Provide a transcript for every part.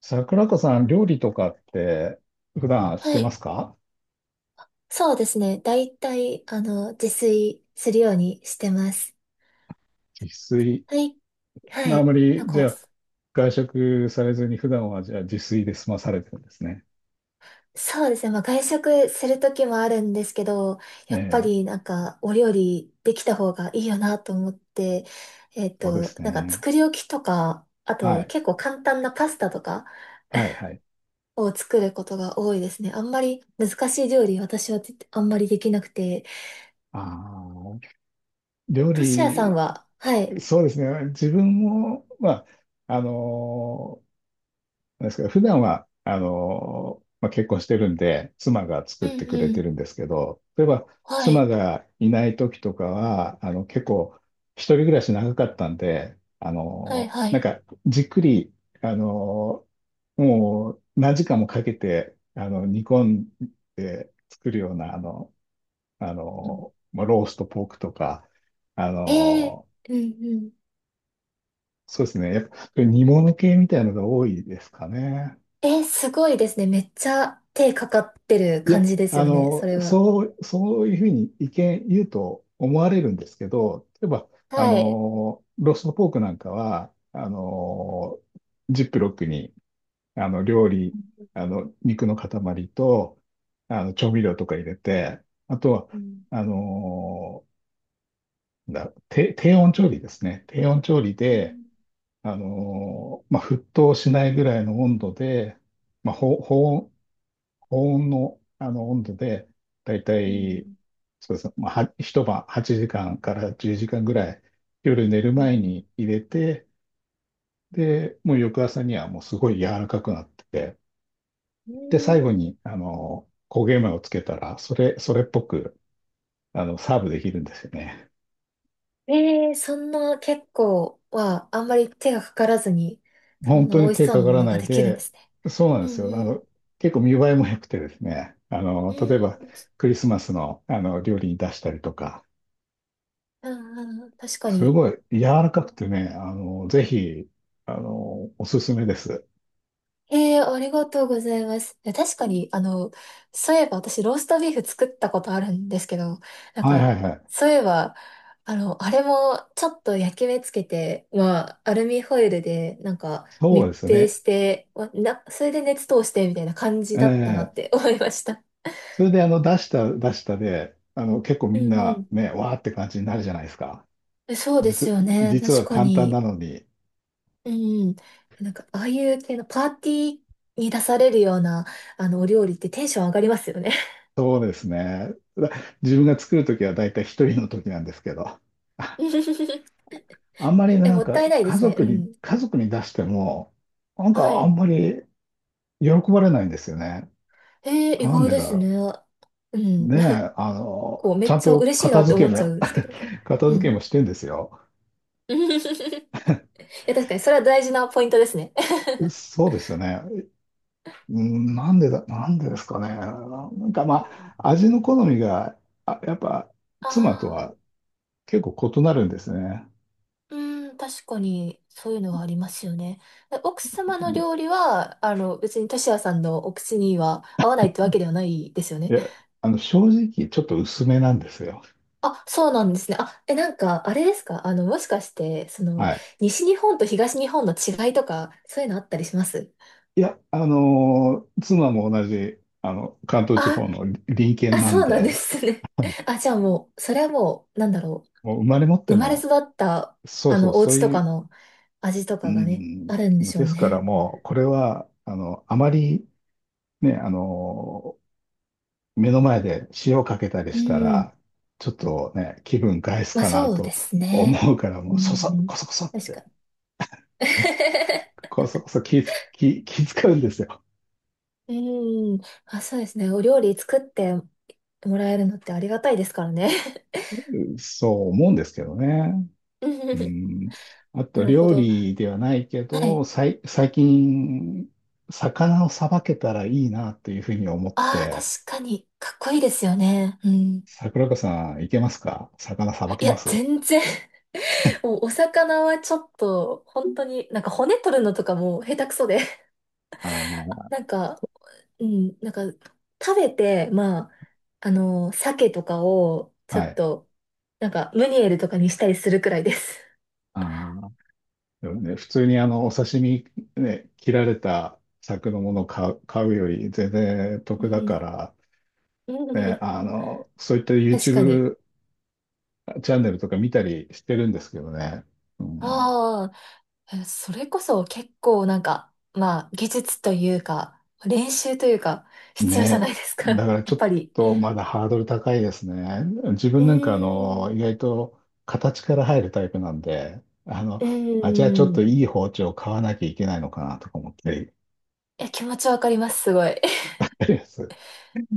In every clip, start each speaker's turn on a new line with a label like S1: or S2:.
S1: 桜子さん、料理とかって普段し
S2: は
S1: てま
S2: い。
S1: すか？
S2: そうですね。だいたい、自炊するようにしてます。
S1: 自炊。
S2: はい。は
S1: あ
S2: い。
S1: まり、じゃあ、外食されずに普段はじゃあ自炊で済まされてるんですね。
S2: まあ、外食するときもあるんですけど、
S1: え
S2: やっぱ
S1: え、
S2: りお料理できた方がいいよなと思って、
S1: そうです
S2: なんか
S1: ね。
S2: 作り置きとか、あ
S1: は
S2: と
S1: い。
S2: 結構簡単なパスタとか
S1: はい、はい。
S2: を作ることが多いですね。あんまり難しい料理、私はあんまりできなくて。
S1: ああ、料
S2: トシヤさん
S1: 理、
S2: は、はい。
S1: そうですね。自分も、まあ、あのーですけど、普段は、まあ、結婚してるんで、妻が作
S2: うん
S1: ってくれ
S2: う
S1: て
S2: ん。
S1: るんですけど、例えば、
S2: は
S1: 妻
S2: い。
S1: がいない時とかは、結構、一人暮らし長かったんで、
S2: はいは
S1: なん
S2: い。
S1: か、じっくり、あの、もう、何時間もかけて、煮込んで作るような、まあ、ローストポークとか、あ
S2: ええ、
S1: の、
S2: うんうん。
S1: そうですね。やっぱ、煮物系みたいなのが多いですかね。
S2: えー、すごいですね。めっちゃ手かかってる
S1: いや、
S2: 感じですよね、それは。
S1: そう、そういうふうに意見言うと思われるんですけど、例えば、
S2: はい。
S1: ローストポークなんかは、ジップロックに、あの、料理、あの、肉の塊と、調味料とか入れて、あとは、
S2: うん
S1: あの、低温調理ですね。低温調理
S2: う
S1: で、
S2: ん
S1: まあ、沸騰しないぐらいの温度で、保温高温の、温度で、だいた
S2: う
S1: い、
S2: ん
S1: そうですね、まあ、一晩8時間から10時間ぐらい、夜寝る
S2: う
S1: 前
S2: ん
S1: に入れて、で、もう翌朝にはもうすごい柔らかくなってて、
S2: う
S1: で、最後
S2: ん。
S1: に、焦げ目をつけたら、それっぽく、サーブできるんですよね。
S2: えー、そんな結構はあんまり手がかからずに、そ
S1: 本
S2: んな
S1: 当
S2: 美
S1: に
S2: 味し
S1: 手
S2: そう
S1: か
S2: な
S1: か
S2: も
S1: ら
S2: の
S1: な
S2: が
S1: い
S2: できるんで
S1: で、
S2: すね。
S1: そうなん
S2: う
S1: です
S2: ん
S1: よ。
S2: うん。
S1: 結構見栄えも良くてですね、
S2: う
S1: 例えば、
S2: ん、
S1: クリスマスの、料理に出したりとか、
S2: うんうん、確か
S1: す
S2: に。
S1: ごい柔らかくてね、あの、ぜひ、あの、おすすめです。
S2: ええー、ありがとうございます。いや確かに、そういえば私、ローストビーフ作ったことあるんですけど、なん
S1: はいは
S2: か、
S1: いはい。
S2: そういえば、あの、あれもちょっと焼き目つけて、まあ、アルミホイルで、なんか、
S1: そうで
S2: 密
S1: す
S2: 閉
S1: ね。
S2: して、わな、それで熱通して、みたいな感じだったなっ
S1: ええ
S2: て思いました。
S1: それで、あの、出した、出したで、あの、結構
S2: う
S1: みん
S2: んう
S1: な
S2: ん。
S1: ね、わーって感じになるじゃないですか。
S2: えそうです
S1: 実、
S2: よね。
S1: 実
S2: 確
S1: は
S2: か
S1: 簡単
S2: に。
S1: なのに。
S2: うんうん。なんか、ああいう系のパーティーに出されるような、お料理ってテンション上がりますよね。
S1: そうですね。自分が作るときはだいたい一人のときなんですけど。あ あんまりね
S2: え、
S1: な
S2: も
S1: ん
S2: っ
S1: か、
S2: たいないですね。うん。
S1: 家族に出しても、なん
S2: は
S1: かあ
S2: い。
S1: んまり喜ばれないんですよね。
S2: えー、意
S1: なん
S2: 外
S1: で
S2: で
S1: だ
S2: す
S1: ろう。
S2: ね。うん。
S1: ね え、
S2: こう、め
S1: ちゃ
S2: っ
S1: ん
S2: ちゃ
S1: と
S2: 嬉しいな
S1: 片
S2: って
S1: 付
S2: 思
S1: け
S2: っちゃ
S1: も、
S2: うんですけど。
S1: 片
S2: う
S1: 付けも
S2: ん。
S1: してんですよ。
S2: え、確かに、それは大事なポイントですね。
S1: そうですよね。うん、なんでですかね。なんか
S2: う
S1: ま
S2: ん。
S1: あ、味の好みが、あ、やっぱ、妻と
S2: ああ、
S1: は結構異なるんですね。
S2: うん、確かに、そういうのはありますよね。で奥様の料理は、別にトシヤさんのお口には合わないってわけではないですよ
S1: い
S2: ね。
S1: や、正直、ちょっと薄めなんですよ。
S2: あ、そうなんですね。あ、え、なんか、あれですか。もしかして、
S1: はい。
S2: 西日本と東日本の違いとか、そういうのあったりします？
S1: いや、妻も同じ、関東地
S2: あ、
S1: 方の隣県
S2: あ、
S1: な
S2: そ
S1: ん
S2: うなんで
S1: で、
S2: すね。あ、じゃあもう、それはもう、なんだろ
S1: もう生まれ持っ
S2: う。
S1: て
S2: 生まれ育
S1: の、
S2: った、
S1: そうそう、
S2: お
S1: そう
S2: 家と
S1: い
S2: か
S1: う
S2: の味と
S1: う
S2: かがね、あ
S1: ん、
S2: るんでしょ
S1: で
S2: う
S1: すから
S2: ね。
S1: もう、これは、あまりね、目の前で塩かけたり
S2: う
S1: した
S2: ん。
S1: ら、ちょっとね、気分害す
S2: まあ
S1: かな
S2: そうで
S1: と
S2: すね。
S1: 思うから、も
S2: う
S1: う、
S2: ん。
S1: こそこそっ
S2: 確か
S1: て、
S2: に。
S1: こそこそ気つ、気、気使うんですよ。
S2: うん。あ、そうですね。お料理作ってもらえるのってありがたいですからね。
S1: そう思うんですけどね。
S2: うん。
S1: うん。あと、
S2: なるほ
S1: 料
S2: ど。
S1: 理ではないけ
S2: は
S1: ど、
S2: い。
S1: 最近、魚をさばけたらいいなというふうに思っ
S2: ああ、確
S1: て、
S2: かに、かっこいいですよね。うん。
S1: 桜子さん、いけますか？魚さば
S2: い
S1: け
S2: や、
S1: ます？
S2: 全然お魚はちょっと、本当に、なんか骨取るのとかも下手くそで。
S1: あの、
S2: なんか、うん、なんか、食べて、まあ、鮭とかを、ちょ
S1: は
S2: っ
S1: い。
S2: と、なんか、ムニエルとかにしたりするくらいです。
S1: ああ、でもね、普通にお刺身ね、切られた柵のものを買うより全然
S2: う
S1: 得だか
S2: ん。
S1: ら、
S2: うん。
S1: ね、そういった
S2: 確かに。
S1: YouTube チャンネルとか見たりしてるんですけどね。うん、
S2: ああ、えそれこそ結構なんか、まあ、技術というか、練習というか、必要じゃな
S1: ね、
S2: いですか。
S1: だ から
S2: や
S1: ちょ
S2: っ
S1: っ
S2: ぱり。
S1: とまだハードル高いですね。自
S2: う
S1: 分なんか
S2: ーん。
S1: 意外と形から入るタイプなんで、
S2: う
S1: あ、じゃあちょっ
S2: ーん。
S1: と
S2: い
S1: いい包丁を買わなきゃいけないのかなとか思って。
S2: や、気持ちわかります、すごい。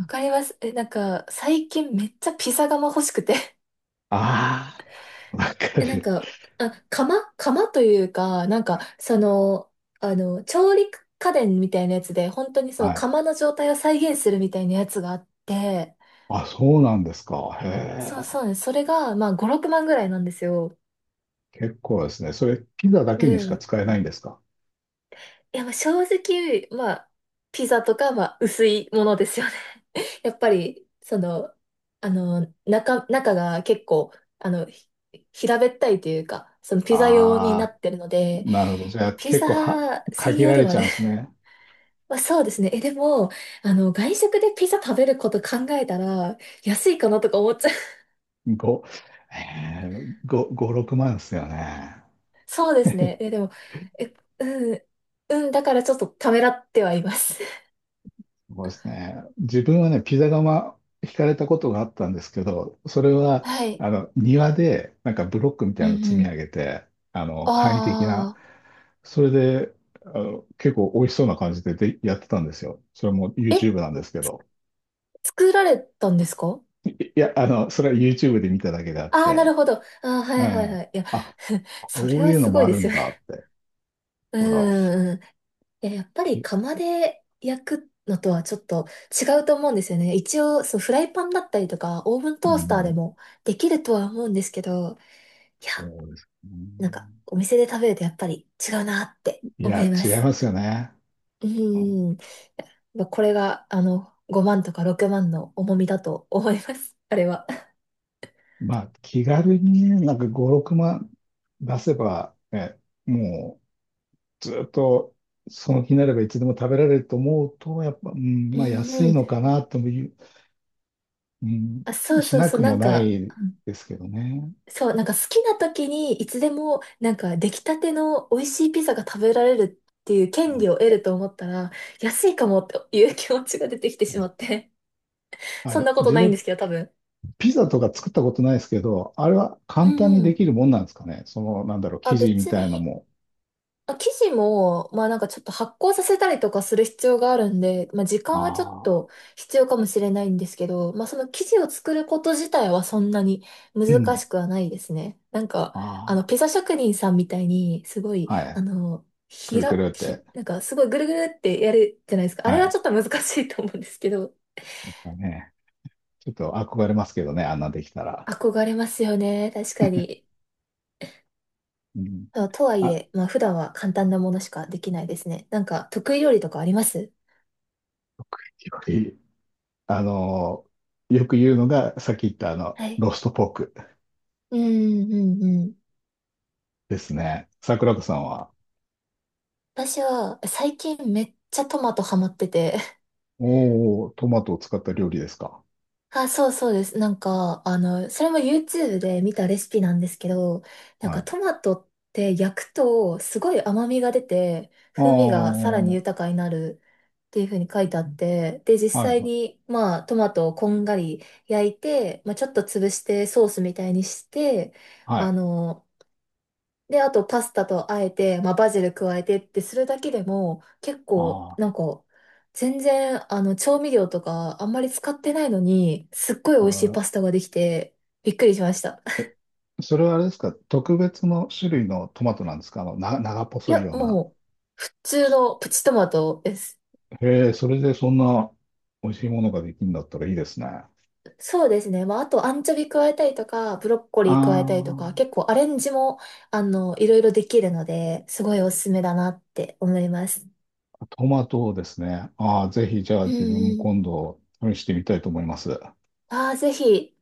S2: わかります。え、なんか、最近めっちゃピザ窯欲しくて。
S1: ああ、わ か
S2: え、なん
S1: る。
S2: か、あ、窯というか、なんか、調理家電みたいなやつで、本当にその
S1: はい。
S2: 窯の状態を再現するみたいなやつがあって、
S1: あ、そうなんですか。へ
S2: そう
S1: え。
S2: そうなんです、それが、まあ、5、6万ぐらいなんですよ。
S1: 結構ですね。それ、ピザだけに
S2: う
S1: し
S2: ん。
S1: か
S2: い
S1: 使えないんですか？
S2: や、まあ、正直、まあ、ピザとか、まあ、薄いものですよね、やっぱり、中が結構、あの、ひ平べったいというか、そのピザ用にな
S1: ああ、
S2: ってるので、
S1: なるほど。じゃあ、
S2: ピ
S1: 結
S2: ザ
S1: 構は、
S2: 専
S1: 限
S2: 用
S1: ら
S2: で
S1: れ
S2: はあ
S1: ちゃ
S2: る。
S1: うんです ね。
S2: まあそうですね。え、でも、外食でピザ食べること考えたら、安いかなとか思っちゃう。
S1: 5、えー、5、5、6万ですよね。
S2: そうですね。え、でも、え、うん、うん、だからちょっとためらってはいます。
S1: そうですね。自分はね、ピザ窯引かれたことがあったんですけど、それ は、
S2: はい。
S1: 庭で、なんかブロックみ
S2: う
S1: た
S2: ん
S1: い
S2: う
S1: なの積み上
S2: ん。
S1: げて、簡易的な、
S2: あ
S1: それで、結構美味しそうな感じで、で、やってたんですよ。それも
S2: あ、え、
S1: YouTube なんですけど。
S2: 作られたんですか？
S1: いいや、それは YouTube で見ただけであっ
S2: ああ、な
S1: て、
S2: るほど。ああ、は
S1: う
S2: いはい
S1: ん。
S2: はい。いや、
S1: あ、
S2: そ
S1: こ
S2: れ
S1: う
S2: は
S1: いうの
S2: すご
S1: も
S2: い
S1: あ
S2: で
S1: る
S2: す
S1: ん
S2: よね。
S1: だって。
S2: う
S1: ほら、
S2: んうん。いや、やっぱり
S1: ピ、
S2: 釜で焼くのとはちょっと違うと思うんですよね。一応、そう、フライパンだったりとか、オーブン
S1: う
S2: トースターで
S1: ん、
S2: もできるとは思うんですけど、いや、
S1: そうです
S2: なんか、
S1: ね。
S2: お店で食べるとやっぱり違うなって
S1: い
S2: 思い
S1: や、
S2: ま
S1: 違い
S2: す。
S1: ますよね。
S2: うん。まあこれが、5万とか6万の重みだと思います。あれは。
S1: まあ、気軽にね、なんか5、6万出せば、ね、もうずっとその気になればいつでも食べられると思うと、やっぱ、うん、
S2: う
S1: まあ
S2: ん
S1: 安
S2: う
S1: い
S2: ん。
S1: のかなともいう、うん、
S2: あ、そう
S1: し
S2: そう
S1: な
S2: そう、
S1: く
S2: な
S1: も
S2: ん
S1: な
S2: か、
S1: いですけどね。
S2: そう、なんか好きな時にいつでもなんか出来たての美味しいピザが食べられるっていう
S1: う
S2: 権
S1: ん
S2: 利を得ると思ったら、安いかもっていう気持ちが出てきてしまって。そんなこと
S1: 自
S2: ないんで
S1: 分、
S2: すけど、多分。
S1: ピザとか作ったことないですけど、あれは
S2: う
S1: 簡単
S2: ん
S1: に
S2: う
S1: で
S2: ん。
S1: きるもんなんですかね。その、なんだろう、生
S2: あ、
S1: 地み
S2: 別
S1: たいの
S2: に
S1: も。
S2: あ、生地も、まあなんかちょっと発酵させたりとかする必要があるんで、まあ時間はちょっ
S1: ああ、
S2: と必要かもしれないんですけど、まあその生地を作ること自体はそんなに
S1: う
S2: 難
S1: ん、
S2: しくはないですね。なんか、
S1: あ
S2: ピザ職人さんみたいに、すご
S1: あ、
S2: い、
S1: は
S2: あ
S1: い。
S2: の、
S1: く
S2: ひ
S1: るく
S2: ら、
S1: るっ
S2: ひ、
S1: て。
S2: なんかすごいぐるぐるってやるじゃないですか。あ
S1: は
S2: れは
S1: い。
S2: ちょっと難しいと思うんですけど、
S1: だね、ちょっと憧れますけどね、あんなできたら。
S2: 憧れますよね。確かに。
S1: うん
S2: あとはい
S1: あ、
S2: え、まあ普段は簡単なものしかできないですね。なんか得意料理とかあります？
S1: いあの、よく言うのが、さっき言ったあの、
S2: はい。
S1: ロストポーク
S2: うんうんうん。
S1: ですね。桜子さんは、
S2: 私は最近めっちゃトマトハマってて。
S1: おー、トマトを使った料理ですか。
S2: あ、そうそうです。なんか、それも YouTube で見たレシピなんですけど、なん
S1: は
S2: か
S1: い。
S2: トマトって焼くとすごい甘みが出て、
S1: あ
S2: 風味がさらに
S1: ー、
S2: 豊かになるっていう風に書いてあって、で、実
S1: は
S2: 際
S1: い、
S2: に、まあ、トマトをこんがり焼いて、まあ、ちょっと潰してソースみたいにして、
S1: は
S2: あ
S1: い。
S2: の、で、あとパスタとあえて、まあ、バジル加えてってするだけでも、結構、
S1: あ
S2: なん
S1: ー、
S2: か、全然、調味料とかあんまり使ってないのに、すっごい美
S1: あ
S2: 味しい
S1: ー
S2: パスタができて、びっくりしました。
S1: それはあれですか、特別の種類のトマトなんですか？長
S2: い
S1: 細い
S2: や、
S1: ような。
S2: もう、普通のプチトマトです。
S1: へえ、それでそんな美味しいものができるんだったらいいですね。あ
S2: そうですね。まあ、あと、アンチョビ加えたりとか、ブロッコリー加えたりとか、結構アレンジも、いろいろできるので、すごいおすすめだなって思います。
S1: あ、トマトですね。ああ、ぜひじゃあ
S2: うん
S1: 自分
S2: う
S1: も
S2: ん。
S1: 今度試してみたいと思います。
S2: ああ、ぜひ。